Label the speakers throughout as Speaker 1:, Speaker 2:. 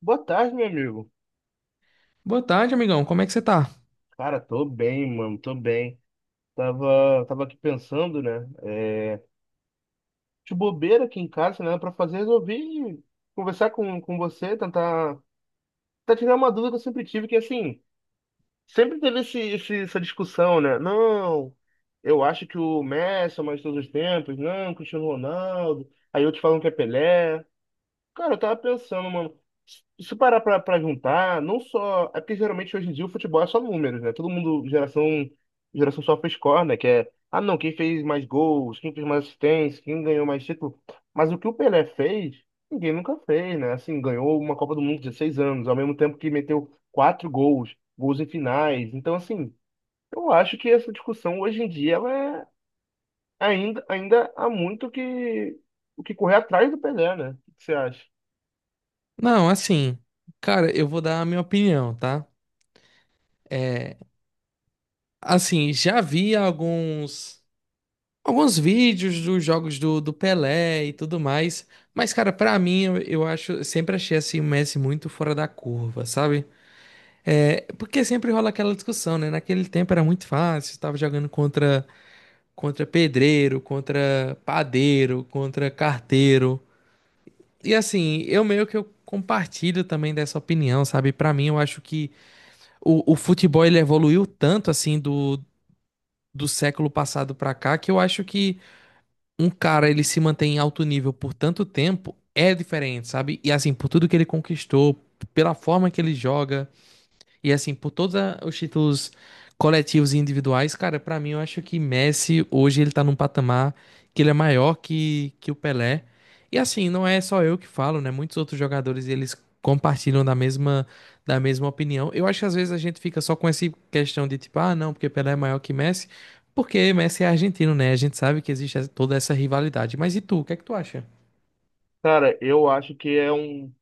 Speaker 1: Boa tarde, meu amigo.
Speaker 2: Boa tarde, amigão. Como é que você tá?
Speaker 1: Cara, tô bem, mano, tô bem. Tava aqui pensando, né? De bobeira aqui em casa, né? Pra fazer, resolvi conversar com você, tentar tirar uma dúvida que eu sempre tive, que assim, sempre teve essa discussão, né? Não, eu acho que o Messi é o mais de todos os tempos, não, Cristiano Ronaldo. Aí outros falam que é Pelé. Cara, eu tava pensando, mano. Se tu parar pra juntar, não só. É porque geralmente hoje em dia o futebol é só números, né? Todo mundo, geração sofre score, né? Que é, ah não, quem fez mais gols, quem fez mais assistência, quem ganhou mais título. Mas o que o Pelé fez, ninguém nunca fez, né? Assim, ganhou uma Copa do Mundo com 16 anos, ao mesmo tempo que meteu quatro gols em finais. Então, assim, eu acho que essa discussão hoje em dia, ela é ainda há muito o que correr atrás do Pelé, né? O que você acha?
Speaker 2: Não, assim, cara, eu vou dar a minha opinião, tá? É, assim, já vi alguns vídeos dos jogos do Pelé e tudo mais, mas, cara, pra mim, eu acho, eu sempre achei assim o Messi muito fora da curva, sabe? É, porque sempre rola aquela discussão, né? Naquele tempo era muito fácil, tava jogando contra pedreiro, contra padeiro, contra carteiro. E assim, eu meio que eu compartilho também dessa opinião, sabe? Pra mim, eu acho que o futebol ele evoluiu tanto assim do século passado pra cá, que eu acho que um cara ele se mantém em alto nível por tanto tempo é diferente, sabe? E assim, por tudo que ele conquistou, pela forma que ele joga. E assim, por todos os títulos coletivos e individuais, cara, pra mim eu acho que Messi hoje ele tá num patamar que ele é maior que o Pelé. E assim, não é só eu que falo, né? Muitos outros jogadores eles compartilham da mesma opinião. Eu acho que às vezes a gente fica só com essa questão de tipo, ah, não, porque Pelé é maior que Messi, porque Messi é argentino, né? A gente sabe que existe toda essa rivalidade. Mas e tu, o que é que tu acha?
Speaker 1: Cara, eu acho que é um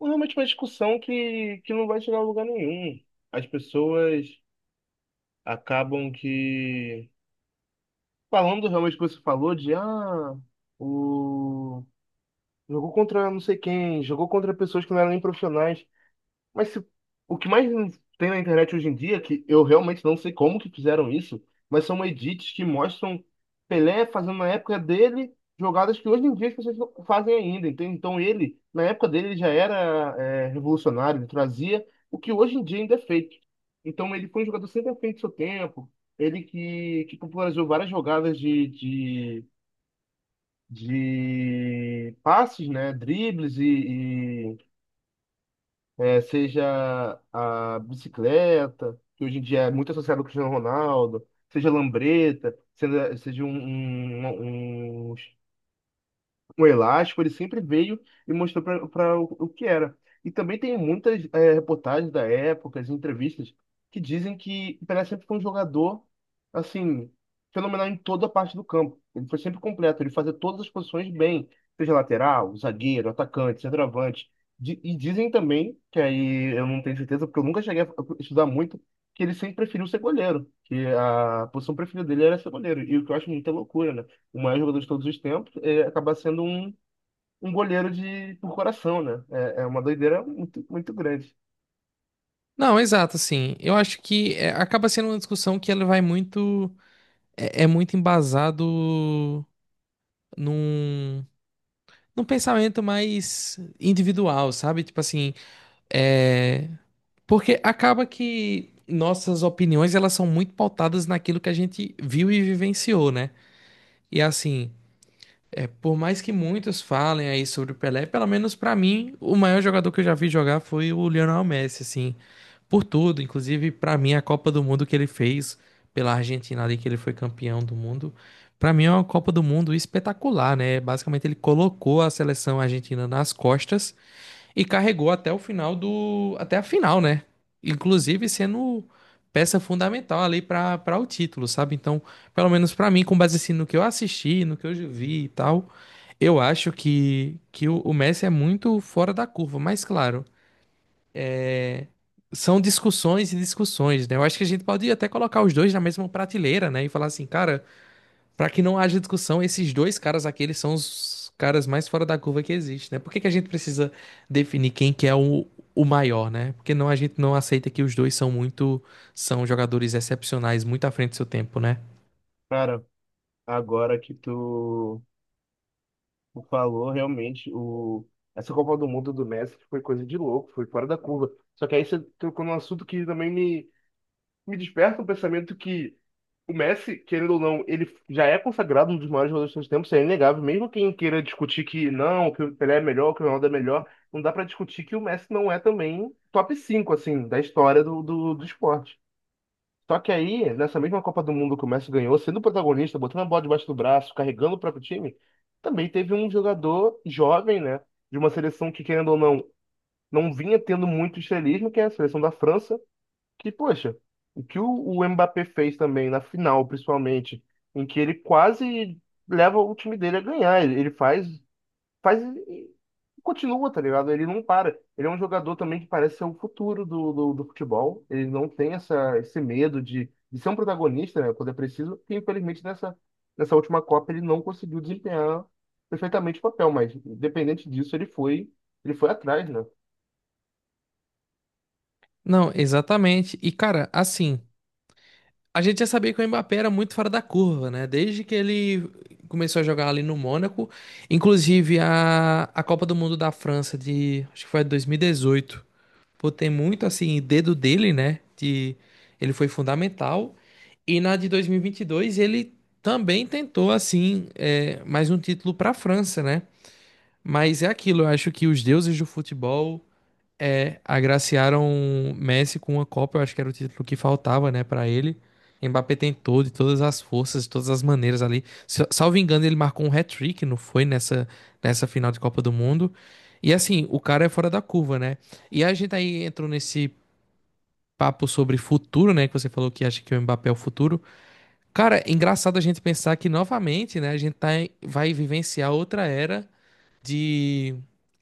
Speaker 1: um, realmente uma discussão que não vai chegar a lugar nenhum. As pessoas acabam que falando realmente o que você falou de ah, o jogou contra não sei quem, jogou contra pessoas que não eram nem profissionais. Mas o que mais tem na internet hoje em dia, que eu realmente não sei como que fizeram isso, mas são edits que mostram Pelé fazendo na época dele jogadas que hoje em dia as pessoas não fazem ainda, entende? Então ele, na época dele, ele já era revolucionário, ele trazia o que hoje em dia ainda é feito. Então ele foi um jogador sempre à frente do seu tempo, ele que popularizou várias jogadas de passes, né? Dribles e seja a bicicleta, que hoje em dia é muito associada ao Cristiano Ronaldo, seja a lambreta, seja um elástico, ele sempre veio e mostrou para o que era. E também tem muitas reportagens da época, as entrevistas, que dizem que o Pelé sempre foi um jogador, assim, fenomenal em toda a parte do campo. Ele foi sempre completo, ele fazia todas as posições bem, seja lateral, zagueiro, atacante, centroavante. E dizem também, que aí eu não tenho certeza, porque eu nunca cheguei a estudar muito, que ele sempre preferiu ser goleiro, que a posição preferida dele era ser goleiro, e o que eu acho muita loucura, né? O maior jogador de todos os tempos, acaba sendo um goleiro de por coração, né? É uma doideira muito, muito grande.
Speaker 2: Não, exato, assim. Eu acho que é, acaba sendo uma discussão que ela vai muito é, é muito embasado num, num pensamento mais individual, sabe? Tipo assim, é, porque acaba que nossas opiniões elas são muito pautadas naquilo que a gente viu e vivenciou, né? E assim, é, por mais que muitos falem aí sobre o Pelé, pelo menos pra mim, o maior jogador que eu já vi jogar foi o Lionel Messi, assim. Por tudo, inclusive pra mim a Copa do Mundo que ele fez pela Argentina ali, que ele foi campeão do mundo, pra mim é uma Copa do Mundo espetacular, né? Basicamente ele colocou a seleção argentina nas costas e carregou até o final do até a final, né? Inclusive sendo peça fundamental ali pra para o título, sabe? Então, pelo menos pra mim, com base assim, no que eu assisti, no que eu vi e tal, eu acho que que o Messi é muito fora da curva, mas claro, são discussões e discussões, né? Eu acho que a gente pode até colocar os dois na mesma prateleira, né? E falar assim, cara, pra que não haja discussão, esses dois caras aqui, eles são os caras mais fora da curva que existe, né? Por que que a gente precisa definir quem que é o maior, né? Porque não, a gente não aceita que os dois são muito, são jogadores excepcionais, muito à frente do seu tempo, né?
Speaker 1: Cara, agora que tu falou, realmente, essa Copa do Mundo do Messi foi coisa de louco, foi fora da curva. Só que aí você tocou num assunto que também me desperta um pensamento que o Messi, querendo ou não, ele já é consagrado um dos maiores jogadores de todos os tempos, isso é inegável. Mesmo quem queira discutir que não, que o Pelé é melhor, que o Ronaldo é melhor, não dá pra discutir que o Messi não é também top 5 assim, da história do esporte. Só que aí, nessa mesma Copa do Mundo que o Messi ganhou, sendo protagonista, botando a bola debaixo do braço, carregando o próprio time, também teve um jogador jovem, né, de uma seleção que, querendo ou não, não vinha tendo muito estrelismo, que é a seleção da França, que, poxa, o que o Mbappé fez também, na final, principalmente, em que ele quase leva o time dele a ganhar. Ele faz e continua, tá ligado? Ele não para. Ele é um jogador também que parece ser o futuro do futebol. Ele não tem esse medo de ser um protagonista, né, quando é preciso. E, infelizmente, nessa última Copa, ele não conseguiu desempenhar perfeitamente o papel, mas, independente disso, ele foi atrás, né?
Speaker 2: Não, exatamente. E, cara, assim. A gente já sabia que o Mbappé era muito fora da curva, né? Desde que ele começou a jogar ali no Mônaco, inclusive a Copa do Mundo da França de, acho que foi 2018. Pô, tem muito assim dedo dele, né? De ele foi fundamental. E na de 2022 ele também tentou assim é, mais um título para a França, né? Mas é aquilo, eu acho que os deuses do futebol é, agraciaram Messi com uma Copa, eu acho que era o título que faltava, né, pra ele. Mbappé tentou de todas as forças, de todas as maneiras ali. Salvo engano, ele marcou um hat-trick, não foi nessa, nessa final de Copa do Mundo. E assim, o cara é fora da curva, né? E a gente aí entrou nesse papo sobre futuro, né, que você falou que acha que o Mbappé é o futuro. Cara, é engraçado a gente pensar que novamente, né, a gente tá, vai vivenciar outra era de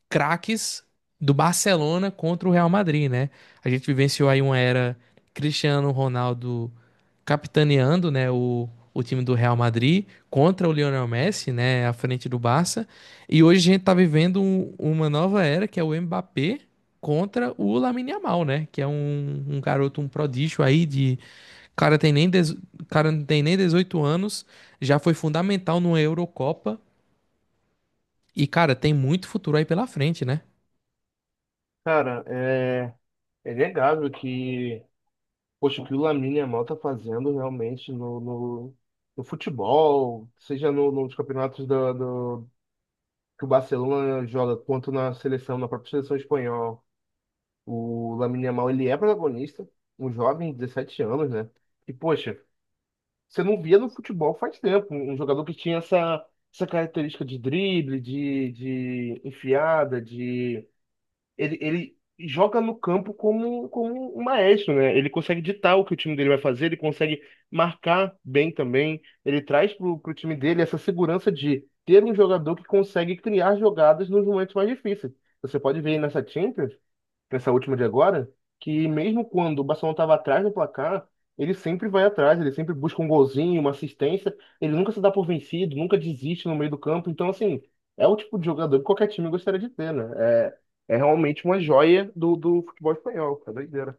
Speaker 2: craques do Barcelona contra o Real Madrid, né? A gente vivenciou aí uma era Cristiano Ronaldo capitaneando, né, o time do Real Madrid contra o Lionel Messi, né, à frente do Barça. E hoje a gente tá vivendo uma nova era que é o Mbappé contra o Lamine Yamal, né, que é um garoto, um prodígio aí de cara tem nem dez- cara não tem nem 18 anos, já foi fundamental numa Eurocopa e, cara, tem muito futuro aí pela frente, né?
Speaker 1: Cara, é inegável que. Poxa, o que o Lamine Yamal tá fazendo realmente no futebol, seja no, nos campeonatos do, que o Barcelona joga, quanto na seleção, na própria seleção espanhola. O Lamine Yamal, ele é protagonista, um jovem, 17 anos, né? E, poxa, você não via no futebol faz tempo um jogador que tinha essa característica de drible, de enfiada, ele joga no campo como um maestro, né? Ele consegue ditar o que o time dele vai fazer, ele consegue marcar bem também. Ele traz pro time dele essa segurança de ter um jogador que consegue criar jogadas nos momentos mais difíceis. Você pode ver aí nessa Champions nessa última de agora, que mesmo quando o Barcelona estava atrás do placar, ele sempre vai atrás, ele sempre busca um golzinho, uma assistência, ele nunca se dá por vencido, nunca desiste no meio do campo. Então, assim, é o tipo de jogador que qualquer time gostaria de ter, né? É realmente uma joia do futebol espanhol, é doideira.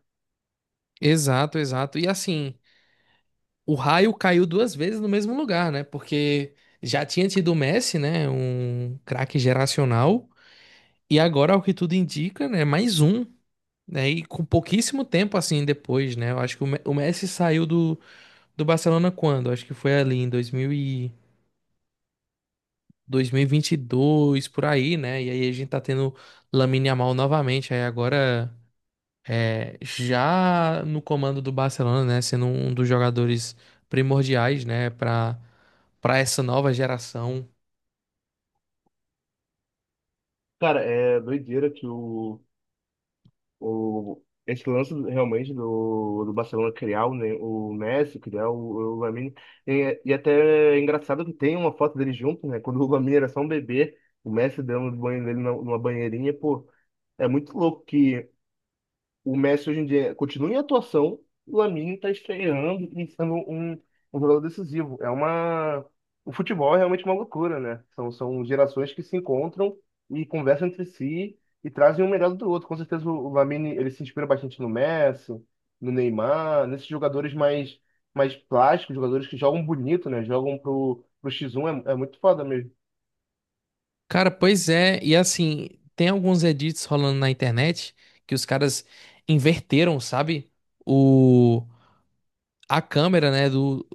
Speaker 2: Exato, exato. E assim, o raio caiu duas vezes no mesmo lugar, né? Porque já tinha tido o Messi, né? Um craque geracional. E agora, ao que tudo indica, né? Mais um. Né? E com pouquíssimo tempo assim depois, né? Eu acho que o o Messi saiu do, do Barcelona quando? Acho que foi ali em 2000 e 2022, por aí, né? E aí a gente tá tendo Lamine Yamal novamente. Aí agora, é, já no comando do Barcelona, né, sendo um dos jogadores primordiais, né, para essa nova geração.
Speaker 1: Cara, é doideira que esse lance realmente do Barcelona criar o Messi, criar o Lamine. E até é engraçado que tem uma foto deles juntos, né? Quando o Lamine era só um bebê, o Messi dando banho dele numa banheirinha, pô. É muito louco que o Messi hoje em dia continua em atuação, o Lamine está estreando e sendo um jogador decisivo. É uma. O futebol é realmente uma loucura, né? São gerações que se encontram e conversam entre si e trazem um melhor do outro. Com certeza o Lamine ele se inspira bastante no Messi, no Neymar, nesses jogadores mais plásticos, jogadores que jogam bonito, né? Jogam pro X1, é muito foda mesmo.
Speaker 2: Cara, pois é, e assim, tem alguns edits rolando na internet que os caras inverteram, sabe? O A câmera, né, do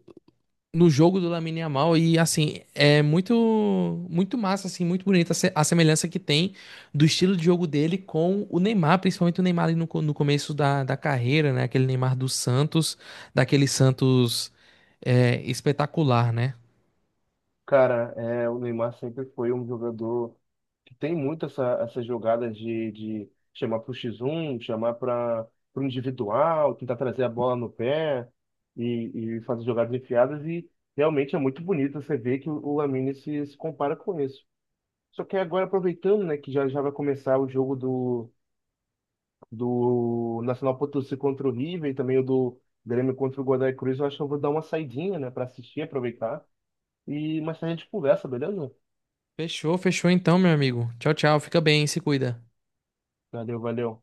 Speaker 2: no jogo do Lamine Yamal, e assim, é muito massa assim, muito bonita a a semelhança que tem do estilo de jogo dele com o Neymar, principalmente o Neymar ali no, no começo da carreira, né? Aquele Neymar do Santos, daquele Santos é, espetacular, né?
Speaker 1: Cara, o Neymar sempre foi um jogador. Tem muito essas jogadas de chamar para o X1, chamar para o individual, tentar trazer a bola no pé e fazer jogadas enfiadas. E realmente é muito bonito você ver que o Lamine se compara com isso. Só que agora, aproveitando, né, que já, já vai começar o jogo do Nacional Potosí contra o River e também o do Grêmio contra o Godoy Cruz, eu acho que eu vou dar uma saidinha, né, para assistir, aproveitar. E mais tarde a gente conversa, beleza?
Speaker 2: Fechou, fechou então, meu amigo. Tchau, tchau. Fica bem, se cuida.
Speaker 1: Valeu, valeu.